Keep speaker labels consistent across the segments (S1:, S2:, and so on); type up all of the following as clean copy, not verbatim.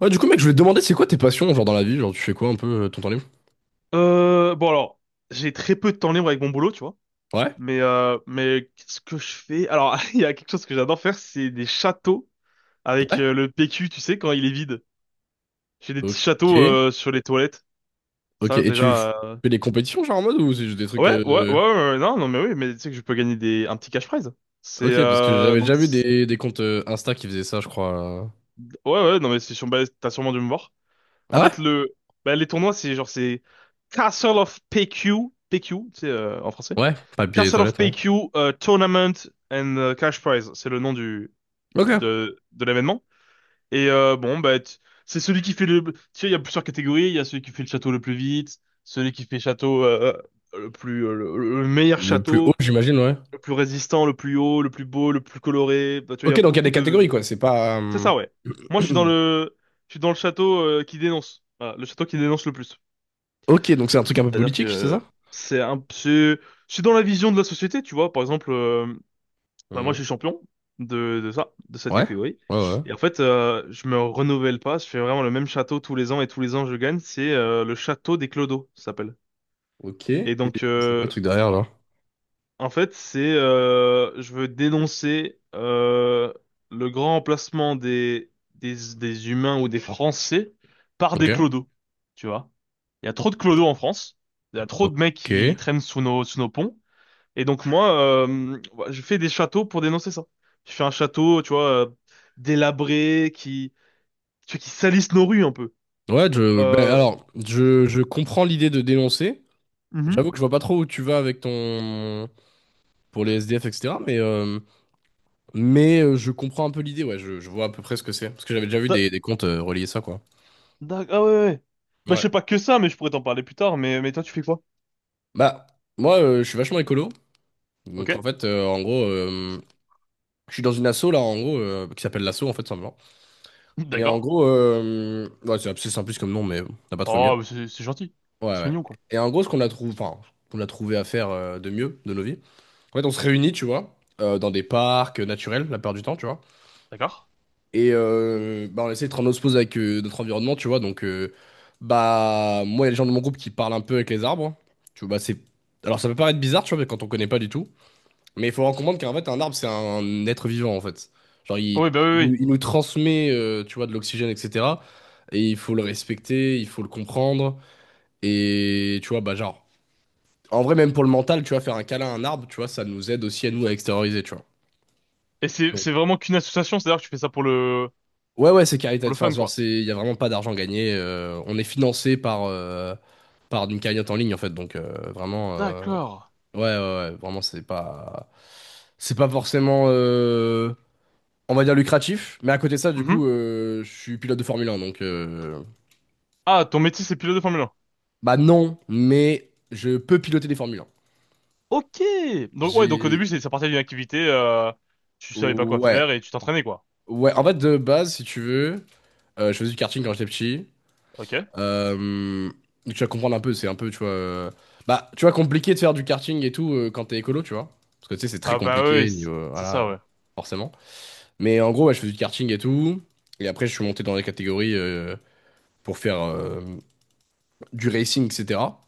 S1: Ouais, du coup, mec, je voulais te demander, c'est quoi tes passions, genre dans la vie? Genre, tu fais quoi un peu ton temps libre?
S2: Bon alors, j'ai très peu de temps libre avec mon boulot, tu vois.
S1: Ouais,
S2: Mais qu'est-ce que je fais? Alors, il y a quelque chose que j'adore faire, c'est des châteaux avec
S1: ouais.
S2: le PQ, tu sais, quand il est vide. J'ai des petits
S1: Ok,
S2: châteaux sur les toilettes.
S1: ok.
S2: Ça
S1: Et tu
S2: déjà.
S1: fais des compétitions, genre en mode, ou c'est juste des trucs.
S2: Ouais, ouais, ouais,
S1: euh,
S2: ouais, ouais, non, non, mais oui, mais tu sais que je peux gagner des un petit cash prize. C'est
S1: Ok, parce que
S2: euh,
S1: j'avais
S2: donc
S1: déjà vu
S2: c'est-
S1: des comptes Insta qui faisaient ça, je crois.
S2: ouais, ouais, non, mais bah, t'as sûrement dû me voir.
S1: Ah
S2: En
S1: ouais?
S2: fait, le bah, les tournois, c'est genre c'est Castle of PQ, tu sais, en français.
S1: Ouais, papier et
S2: Castle of
S1: toilette, ouais.
S2: PQ Tournament and Cash Prize, c'est le nom du
S1: Ok.
S2: de, de l'événement. Bon, bah, c'est celui qui fait le. Tu sais, il y a plusieurs catégories. Il y a celui qui fait le château le plus vite, celui qui fait château le plus le meilleur
S1: Le plus haut,
S2: château,
S1: j'imagine, ouais.
S2: le plus résistant, le plus haut, le plus beau, le plus coloré. Bah, tu vois, il y a
S1: Ok, donc il y a
S2: beaucoup
S1: des catégories,
S2: de.
S1: quoi. C'est pas.
S2: C'est
S1: euh,
S2: ça, ouais. Moi, je suis dans le château qui dénonce. Voilà, le château qui dénonce le plus.
S1: Ok, donc c'est un truc un peu
S2: C'est-à-dire
S1: politique, c'est ça?
S2: que c'est un c'est je suis dans la vision de la société, tu vois. Par exemple. Bah, moi, je
S1: Hmm.
S2: suis champion de ça, de cette
S1: Ouais,
S2: catégorie.
S1: ouais, ouais.
S2: Et en fait, je me renouvelle pas. Je fais vraiment le même château tous les ans et tous les ans, je gagne. C'est le château des clodos, ça s'appelle.
S1: Ok.
S2: Et
S1: Et
S2: donc,
S1: c'est quoi le truc derrière, là?
S2: en fait, c'est je veux dénoncer le grand emplacement des humains ou des Français par
S1: Ok.
S2: des clodos. Tu vois? Il y a trop de clodos en France. Il y a trop de mecs qui
S1: Ok.
S2: traînent sous nos ponts. Et donc moi, bah, je fais des châteaux pour dénoncer ça. Je fais un château, tu vois, délabré, qui, tu vois, qui salisse nos rues un peu.
S1: Ouais, je, ben,
S2: Euh,
S1: alors, je comprends l'idée de dénoncer. J'avoue
S2: mhm.
S1: que je vois pas trop où tu vas avec ton... pour les SDF, etc. Mais je comprends un peu l'idée, ouais. Je vois à peu près ce que c'est. Parce que j'avais déjà vu
S2: Da-
S1: des comptes relier ça, quoi.
S2: ah ouais, ouais. Ouais. Bah je
S1: Ouais.
S2: sais pas que ça, mais je pourrais t'en parler plus tard. Mais toi, tu fais quoi?
S1: Bah, moi, je suis vachement écolo.
S2: Ok,
S1: Donc, en fait, en gros, je suis dans une asso, là, en gros, qui s'appelle l'asso, en fait, simplement. Et en
S2: d'accord.
S1: gros, ouais, c'est assez simpliste comme nom, mais on n'a pas trop mieux.
S2: Oh, mais c'est gentil.
S1: Ouais,
S2: C'est
S1: ouais.
S2: mignon, quoi.
S1: Et en gros, ce qu'on a trouvé, enfin, qu'on a trouvé à faire de mieux de nos vies, en fait, on se réunit, tu vois, dans des parcs naturels, la plupart du temps, tu vois.
S2: D'accord.
S1: Et bah, on essaie d'être en osmose avec notre environnement, tu vois. Donc, bah, moi, il y a les gens de mon groupe qui parlent un peu avec les arbres, hein. Tu vois, bah, c'est. Alors, ça peut paraître bizarre, tu vois, quand on connaît pas du tout. Mais il faut en comprendre qu'en fait, un arbre, c'est un être vivant, en fait. Genre,
S2: Ah
S1: il,
S2: oui, bah oui,
S1: il nous,
S2: oui.
S1: il nous transmet, tu vois, de l'oxygène, etc. Et il faut le respecter, il faut le comprendre. Et, tu vois, bah, genre, en vrai, même pour le mental, tu vois, faire un câlin à un arbre, tu vois, ça nous aide aussi à nous à extérioriser, tu vois.
S2: Et c'est vraiment qu'une association, c'est-à-dire que tu fais ça
S1: Ouais, ouais, c'est
S2: pour le
S1: caritatif. Enfin,
S2: fun,
S1: genre,
S2: quoi.
S1: c'est, il y a vraiment pas d'argent gagné. On est financé par, par une cagnotte en ligne, en fait. Donc, vraiment,
S2: D'accord.
S1: ouais, ouais, ouais, vraiment, c'est pas forcément, on va dire lucratif. Mais à côté de ça, du coup,
S2: Mhm.
S1: je suis pilote de Formule 1, donc,
S2: Ah, ton métier, c'est pilote de Formule.
S1: bah non, mais je peux piloter des Formule 1.
S2: Ok. Donc ouais, donc au début
S1: J'ai,
S2: c'est ça partait d'une activité, tu savais pas quoi
S1: ouais,
S2: faire et tu t'entraînais quoi.
S1: ouais. En fait, de base, si tu veux, je faisais du karting quand j'étais petit.
S2: Ok.
S1: Euh, donc tu vas comprendre un peu, c'est un peu, tu vois. Bah, tu vois, compliqué de faire du karting et tout quand t'es écolo, tu vois. Parce que tu sais, c'est très
S2: Ah bah oui, oui,
S1: compliqué,
S2: c'est
S1: niveau,
S2: c'est
S1: voilà,
S2: ça ouais.
S1: forcément. Mais en gros, ouais, je faisais du karting et tout. Et après, je suis monté dans les catégories pour faire du racing, etc.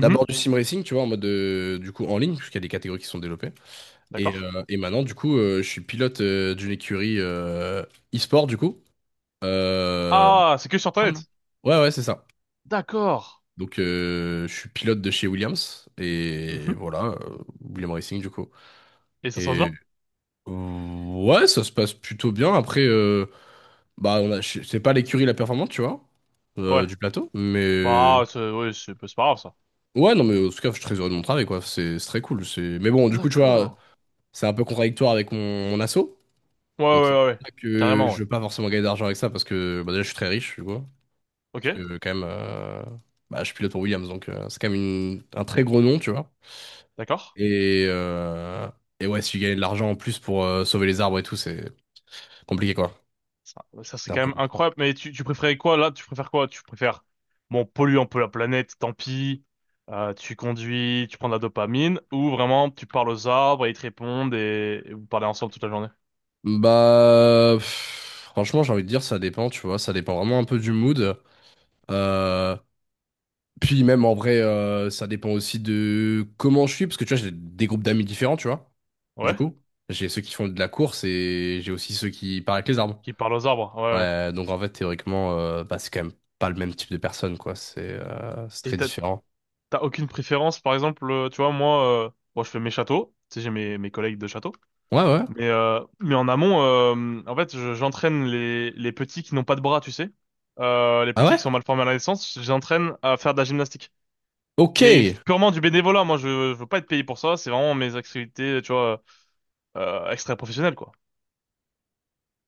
S1: D'abord du sim racing, tu vois, en mode du coup en ligne, puisqu'il y a des catégories qui sont développées.
S2: D'accord.
S1: Et maintenant, du coup, je suis pilote d'une écurie e-sport, du coup. Euh,
S2: Ah, c'est que sur
S1: il me semble.
S2: internet.
S1: Ouais, ouais, c'est ça.
S2: D'accord.
S1: Donc, je suis pilote de chez Williams. Et
S2: Mhm.
S1: voilà, William Racing, du coup.
S2: Et ça se passe
S1: Et
S2: bien?
S1: ouais, ça se passe plutôt bien. Après, bah, on a- je- c'est pas l'écurie la performante, tu vois,
S2: Ouais.
S1: du plateau. Mais
S2: Bah c'est ouais, c'est bah, c'est pas grave ça.
S1: ouais, non, mais en tout cas, je suis très heureux de mon travail, quoi. C'est très cool. C'est... Mais bon, du coup, tu vois,
S2: D'accord.
S1: c'est un peu contradictoire avec mon, mon asso.
S2: Ouais ouais
S1: Donc, c'est
S2: ouais
S1: pour
S2: ouais.
S1: ça que
S2: Carrément ouais.
S1: je veux pas forcément gagner d'argent avec ça parce que bah, déjà, je suis très riche, tu vois.
S2: Ok.
S1: Parce que, quand même, bah, je pilote pour Williams. Donc, c'est quand même une- un très gros nom, tu vois.
S2: D'accord.
S1: Et, euh, et ouais, si tu gagnes de l'argent en plus pour sauver les arbres et tout, c'est compliqué quoi.
S2: Ça, c'est
S1: C'est un
S2: quand
S1: peu
S2: même
S1: compliqué.
S2: incroyable. Mais tu préférais quoi là? Tu préfères quoi? Tu préfères, bon, polluer un peu la planète, tant pis. Tu conduis, tu prends de la dopamine, ou vraiment tu parles aux arbres et ils te répondent et vous parlez ensemble toute la journée.
S1: Bah, pff, franchement, j'ai envie de dire, ça dépend, tu vois, ça dépend vraiment un peu du mood. Euh, Puis même en vrai, ça dépend aussi de comment je suis, parce que tu vois, j'ai des groupes d'amis différents, tu vois. Du
S2: Ouais?
S1: coup, j'ai ceux qui font de la course et j'ai aussi ceux qui parlent avec les arbres.
S2: Qui parlent aux arbres, ouais, ouais.
S1: Ouais, donc en fait, théoriquement, bah, c'est quand même pas le même type de personne, quoi. C'est
S2: Et
S1: très
S2: t'as,
S1: différent.
S2: t'as aucune préférence, par exemple, tu vois, moi, bon, je fais mes châteaux, tu sais, j'ai mes collègues de château,
S1: Ouais, ouais.
S2: mais en amont, en fait, j'entraîne les petits qui n'ont pas de bras, tu sais, les
S1: Ah
S2: petits
S1: ouais?
S2: qui sont mal formés à la naissance, j'entraîne à faire de la gymnastique.
S1: Ok.
S2: Mais purement du bénévolat, moi je veux pas être payé pour ça, c'est vraiment mes activités, tu vois, extra-professionnelles, quoi.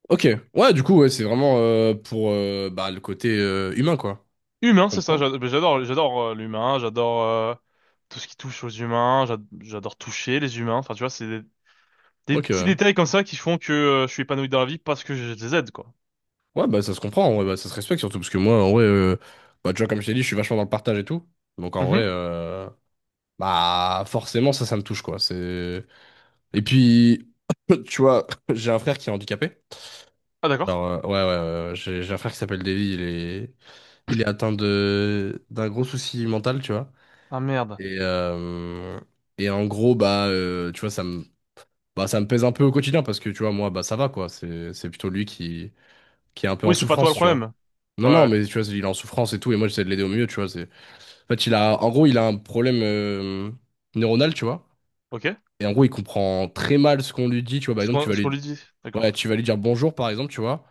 S1: Ok. Ouais, du coup, ouais, c'est vraiment pour bah, le côté humain, quoi.
S2: Humain,
S1: Je
S2: c'est ça,
S1: comprends.
S2: j'adore, j'adore l'humain, j'adore tout ce qui touche aux humains, j'adore toucher les humains, enfin tu vois, c'est des
S1: Ok.
S2: petits
S1: Ouais,
S2: détails comme ça qui font que je suis épanoui dans la vie parce que je les aide, quoi.
S1: ouais, bah ça se comprend, ouais, bah, ça se respecte surtout, parce que moi, en vrai, bah, tu vois, comme je t'ai dit, je suis vachement dans le partage et tout. Donc en vrai,
S2: Mhm.
S1: bah forcément, ça me touche, quoi. C'est... Et puis, tu vois, j'ai un frère qui est handicapé.
S2: Ah d'accord.
S1: Alors, ouais, ouais, ouais, ouais, j'ai un frère qui s'appelle Davy, il est atteint de d'un gros souci mental, tu vois.
S2: Ah merde.
S1: Et, euh, et en gros, bah, tu vois, ça me bah, ça me pèse un peu au quotidien parce que tu vois, moi, bah, ça va quoi. C'est plutôt lui qui est un peu en
S2: Oui, c'est pas toi
S1: souffrance,
S2: le
S1: tu vois.
S2: problème.
S1: Non,
S2: Ouais,
S1: non,
S2: ouais.
S1: mais tu vois, il est en souffrance et tout. Et moi, j'essaie de l'aider au mieux, tu vois. C'est... En fait, il a, en gros, il a un problème neuronal, tu vois.
S2: Ok.
S1: Et en gros, il comprend très mal ce qu'on lui dit, tu vois. Par
S2: Ce
S1: exemple, tu
S2: qu'on
S1: vas
S2: ce
S1: lui,
S2: qu'on lui dit,
S1: ouais,
S2: d'accord.
S1: tu vas lui dire bonjour, par exemple, tu vois.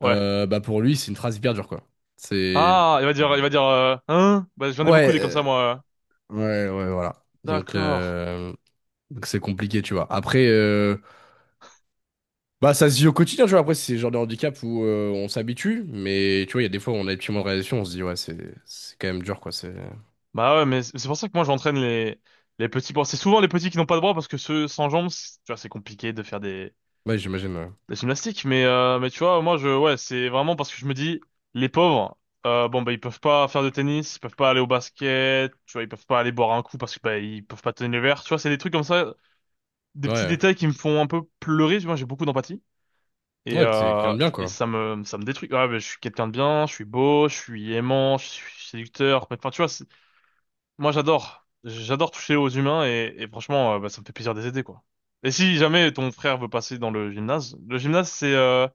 S2: Ouais.
S1: Bah, pour lui, c'est une phrase hyper dure, quoi. C'est.
S2: Ah, il va dire, hein? Bah j'en ai beaucoup
S1: Ouais,
S2: des comme ça, moi.
S1: ouais, ouais, voilà. Donc,
S2: D'accord.
S1: euh, donc c'est compliqué, tu vois. Après, bah, ça se vit au quotidien, tu vois. Après, c'est le genre de handicap où on s'habitue, mais tu vois, il y a des fois où on a des petits moments de réalisation, on se dit, ouais, c'est quand même dur, quoi. C'est...
S2: Bah ouais, mais c'est pour ça que moi j'entraîne les petits bras. C'est souvent les petits qui n'ont pas de bras parce que ceux sans jambes, tu vois, c'est compliqué de faire des,
S1: Ouais, j'imagine, ouais.
S2: des gymnastiques. Mais tu vois, moi je, ouais, c'est vraiment parce que je me dis, les pauvres, bon, bah ils peuvent pas faire de tennis, ils peuvent pas aller au basket, tu vois, ils peuvent pas aller boire un coup parce que, bah, ils peuvent pas tenir le verre. Tu vois, c'est des trucs comme ça, des petits
S1: Ouais,
S2: détails qui me font un peu pleurer. Tu vois, j'ai beaucoup d'empathie. Et,
S1: ouais, t'es quelqu'un
S2: euh,
S1: de bien,
S2: et
S1: quoi.
S2: ça me détruit. Ouais, mais je suis quelqu'un de bien, je suis beau, je suis aimant, je suis séducteur. Enfin, tu vois, moi, j'adore. J'adore toucher aux humains et franchement, bah, ça me fait plaisir de les aider, quoi. Et si jamais ton frère veut passer dans le gymnase, c'est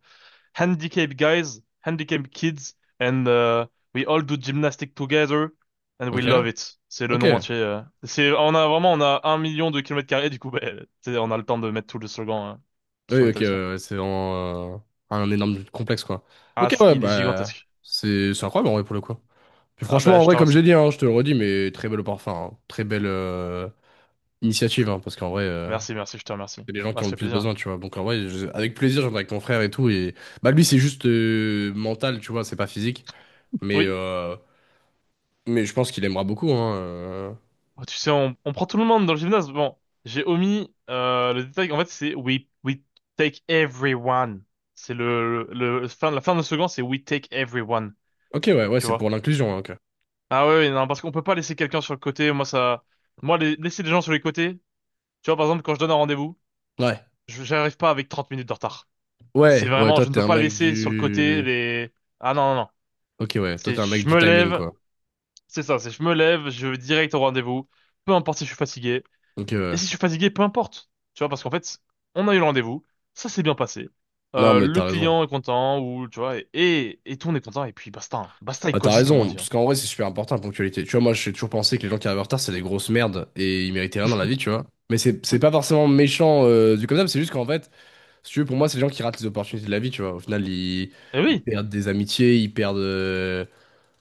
S2: Handicap Guys, Handicap Kids, and we all do gymnastics together, and we
S1: Ok,
S2: love it. C'est le
S1: ok.
S2: nom entier. C'est, on a vraiment, on a 1 million de kilomètres carrés, du coup, bah, tu sais, on a le temps de mettre tout le slogan sur
S1: Oui, ok,
S2: l'établissement.
S1: ouais, ouais, c'est vraiment un énorme complexe, quoi.
S2: Ah,
S1: Ok, ouais,
S2: il est
S1: bah,
S2: gigantesque.
S1: c'est incroyable, en vrai, pour le coup. Puis
S2: Ah, bah,
S1: franchement, en
S2: je
S1: vrai,
S2: te
S1: comme j'ai
S2: remercie.
S1: dit, hein, je te le redis, mais très belle, au parfum, hein. Très belle initiative, hein, parce qu'en vrai.
S2: Merci, merci, je te remercie.
S1: C'est les gens
S2: Bah,
S1: qui ont
S2: ça
S1: le
S2: fait
S1: plus
S2: plaisir.
S1: besoin, tu vois. Donc en vrai, je- avec plaisir, j'en avec mon frère et tout. Et bah lui, c'est juste mental, tu vois, c'est pas physique. Mais
S2: Oui.
S1: euh, mais je pense qu'il aimera beaucoup. Hein.
S2: Oh, tu sais, on prend tout le monde dans le gymnase. Bon, j'ai omis le détail. En fait, c'est we take everyone. C'est le- Fin, la fin de la second, c'est we take everyone.
S1: Ok, ouais, ouais,
S2: Tu
S1: c'est
S2: vois?
S1: pour l'inclusion, hein, ok.
S2: Ah ouais, ouais, non, parce qu'on peut pas laisser quelqu'un sur le côté. Moi, ça, moi, laisser les gens sur les côtés. Tu vois, par exemple, quand je donne un rendez-vous,
S1: Ouais,
S2: j'arrive pas avec 30 minutes de retard. C'est
S1: ouais, ouais.
S2: vraiment,
S1: Toi,
S2: je ne
S1: t'es
S2: peux
S1: un
S2: pas
S1: mec
S2: laisser sur le côté
S1: du.
S2: les. Ah non, non, non.
S1: Ok, ouais. Toi,
S2: C'est,
S1: t'es un mec
S2: je
S1: du
S2: me
S1: timing,
S2: lève.
S1: quoi.
S2: C'est ça. C'est, je me lève. Je vais direct au rendez-vous. Peu importe si je suis fatigué.
S1: Ok,
S2: Et
S1: ouais.
S2: si je suis fatigué, peu importe. Tu vois, parce qu'en fait, on a eu le rendez-vous, ça s'est bien passé.
S1: Non, mais
S2: Le
S1: t'as raison.
S2: client est content, ou tu vois, et tout, on est content, et puis basta. Hein. Basta et
S1: Bah, t'as
S2: cosy, comme on
S1: raison,
S2: dit.
S1: parce
S2: Hein.
S1: qu'en vrai, c'est super important la ponctualité. Tu vois, moi, j'ai toujours pensé que les gens qui arrivent en retard, c'est des grosses merdes et ils méritaient rien dans la vie, tu vois. Mais c'est
S2: Oui.
S1: pas forcément méchant du comme ça, mais c'est juste qu'en fait. Si tu veux, pour moi, c'est les gens qui ratent les opportunités de la vie, tu vois. Au final, ils,
S2: Et
S1: ils
S2: oui,
S1: perdent des amitiés, ils perdent,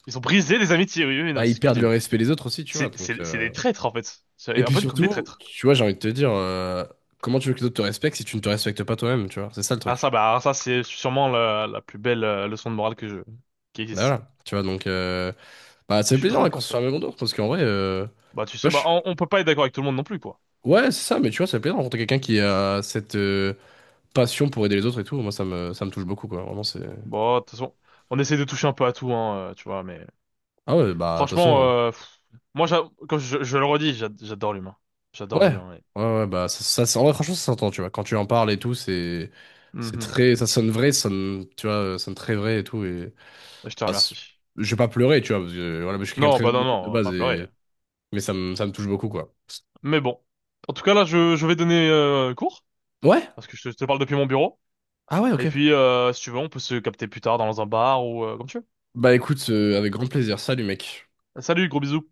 S2: ils ont brisé des amitiés, oui, oui, oui, non,
S1: bah,
S2: mais c'est
S1: ils
S2: ce que je
S1: perdent
S2: dis,
S1: le
S2: oui.
S1: respect des autres aussi, tu
S2: C'est,
S1: vois.
S2: c'est,
S1: Donc,
S2: c'est des traîtres, en fait. C'est
S1: et
S2: un
S1: puis
S2: peu comme des
S1: surtout,
S2: traîtres.
S1: tu vois, j'ai envie de te dire, comment tu veux que les autres te respectent si tu ne te respectes pas toi-même, tu vois. C'est ça le
S2: Ah,
S1: truc.
S2: ça, bah, alors ça, c'est sûrement la plus belle leçon de morale qui
S1: Bah,
S2: existe.
S1: voilà, tu vois, donc... Bah, ça
S2: Mais je
S1: fait
S2: suis
S1: plaisir
S2: très
S1: hein,
S2: d'accord
S1: qu'on
S2: avec
S1: se
S2: toi.
S1: fasse un même tour, parce qu'en vrai, tu
S2: Bah, tu
S1: vois,
S2: sais, bah,
S1: je-
S2: on peut pas être d'accord avec tout le monde non plus, quoi.
S1: ouais, c'est ça, mais tu vois, ça fait plaisir de rencontrer quelqu'un qui a cette passion pour aider les autres et tout. Moi, ça me touche beaucoup, quoi. Vraiment, c'est...
S2: Bon, de toute façon, on essaie de toucher un peu à tout, hein, tu vois, mais
S1: Ah ouais, bah, de toute
S2: franchement,
S1: façon...
S2: pff, moi, comme je le redis, j'adore l'humain. J'adore
S1: Ouais,
S2: l'humain, ouais.
S1: ouais, ouais, bah ça, ça, ça- en vrai, franchement, ça s'entend, tu vois. Quand tu en parles et tout, c'est
S2: Mhm.
S1: très, ça sonne vrai, ça sonne, tu vois, ça sonne très vrai et tout. Et
S2: Je te
S1: bah, c'est-
S2: remercie.
S1: je vais pas pleurer, tu vois, parce que voilà, je suis quelqu'un de
S2: Non,
S1: très
S2: bah non, non,
S1: émotif de
S2: on va
S1: base
S2: pas pleurer.
S1: et mais ça me touche beaucoup, quoi.
S2: Mais bon. En tout cas, là, je vais donner cours,
S1: Ouais,
S2: parce que je te parle depuis mon bureau.
S1: ah ouais,
S2: Et
S1: ok.
S2: puis, si tu veux, on peut se capter plus tard dans un bar ou comme tu veux.
S1: Bah écoute, avec grand plaisir. Salut, mec.
S2: Salut, gros bisous.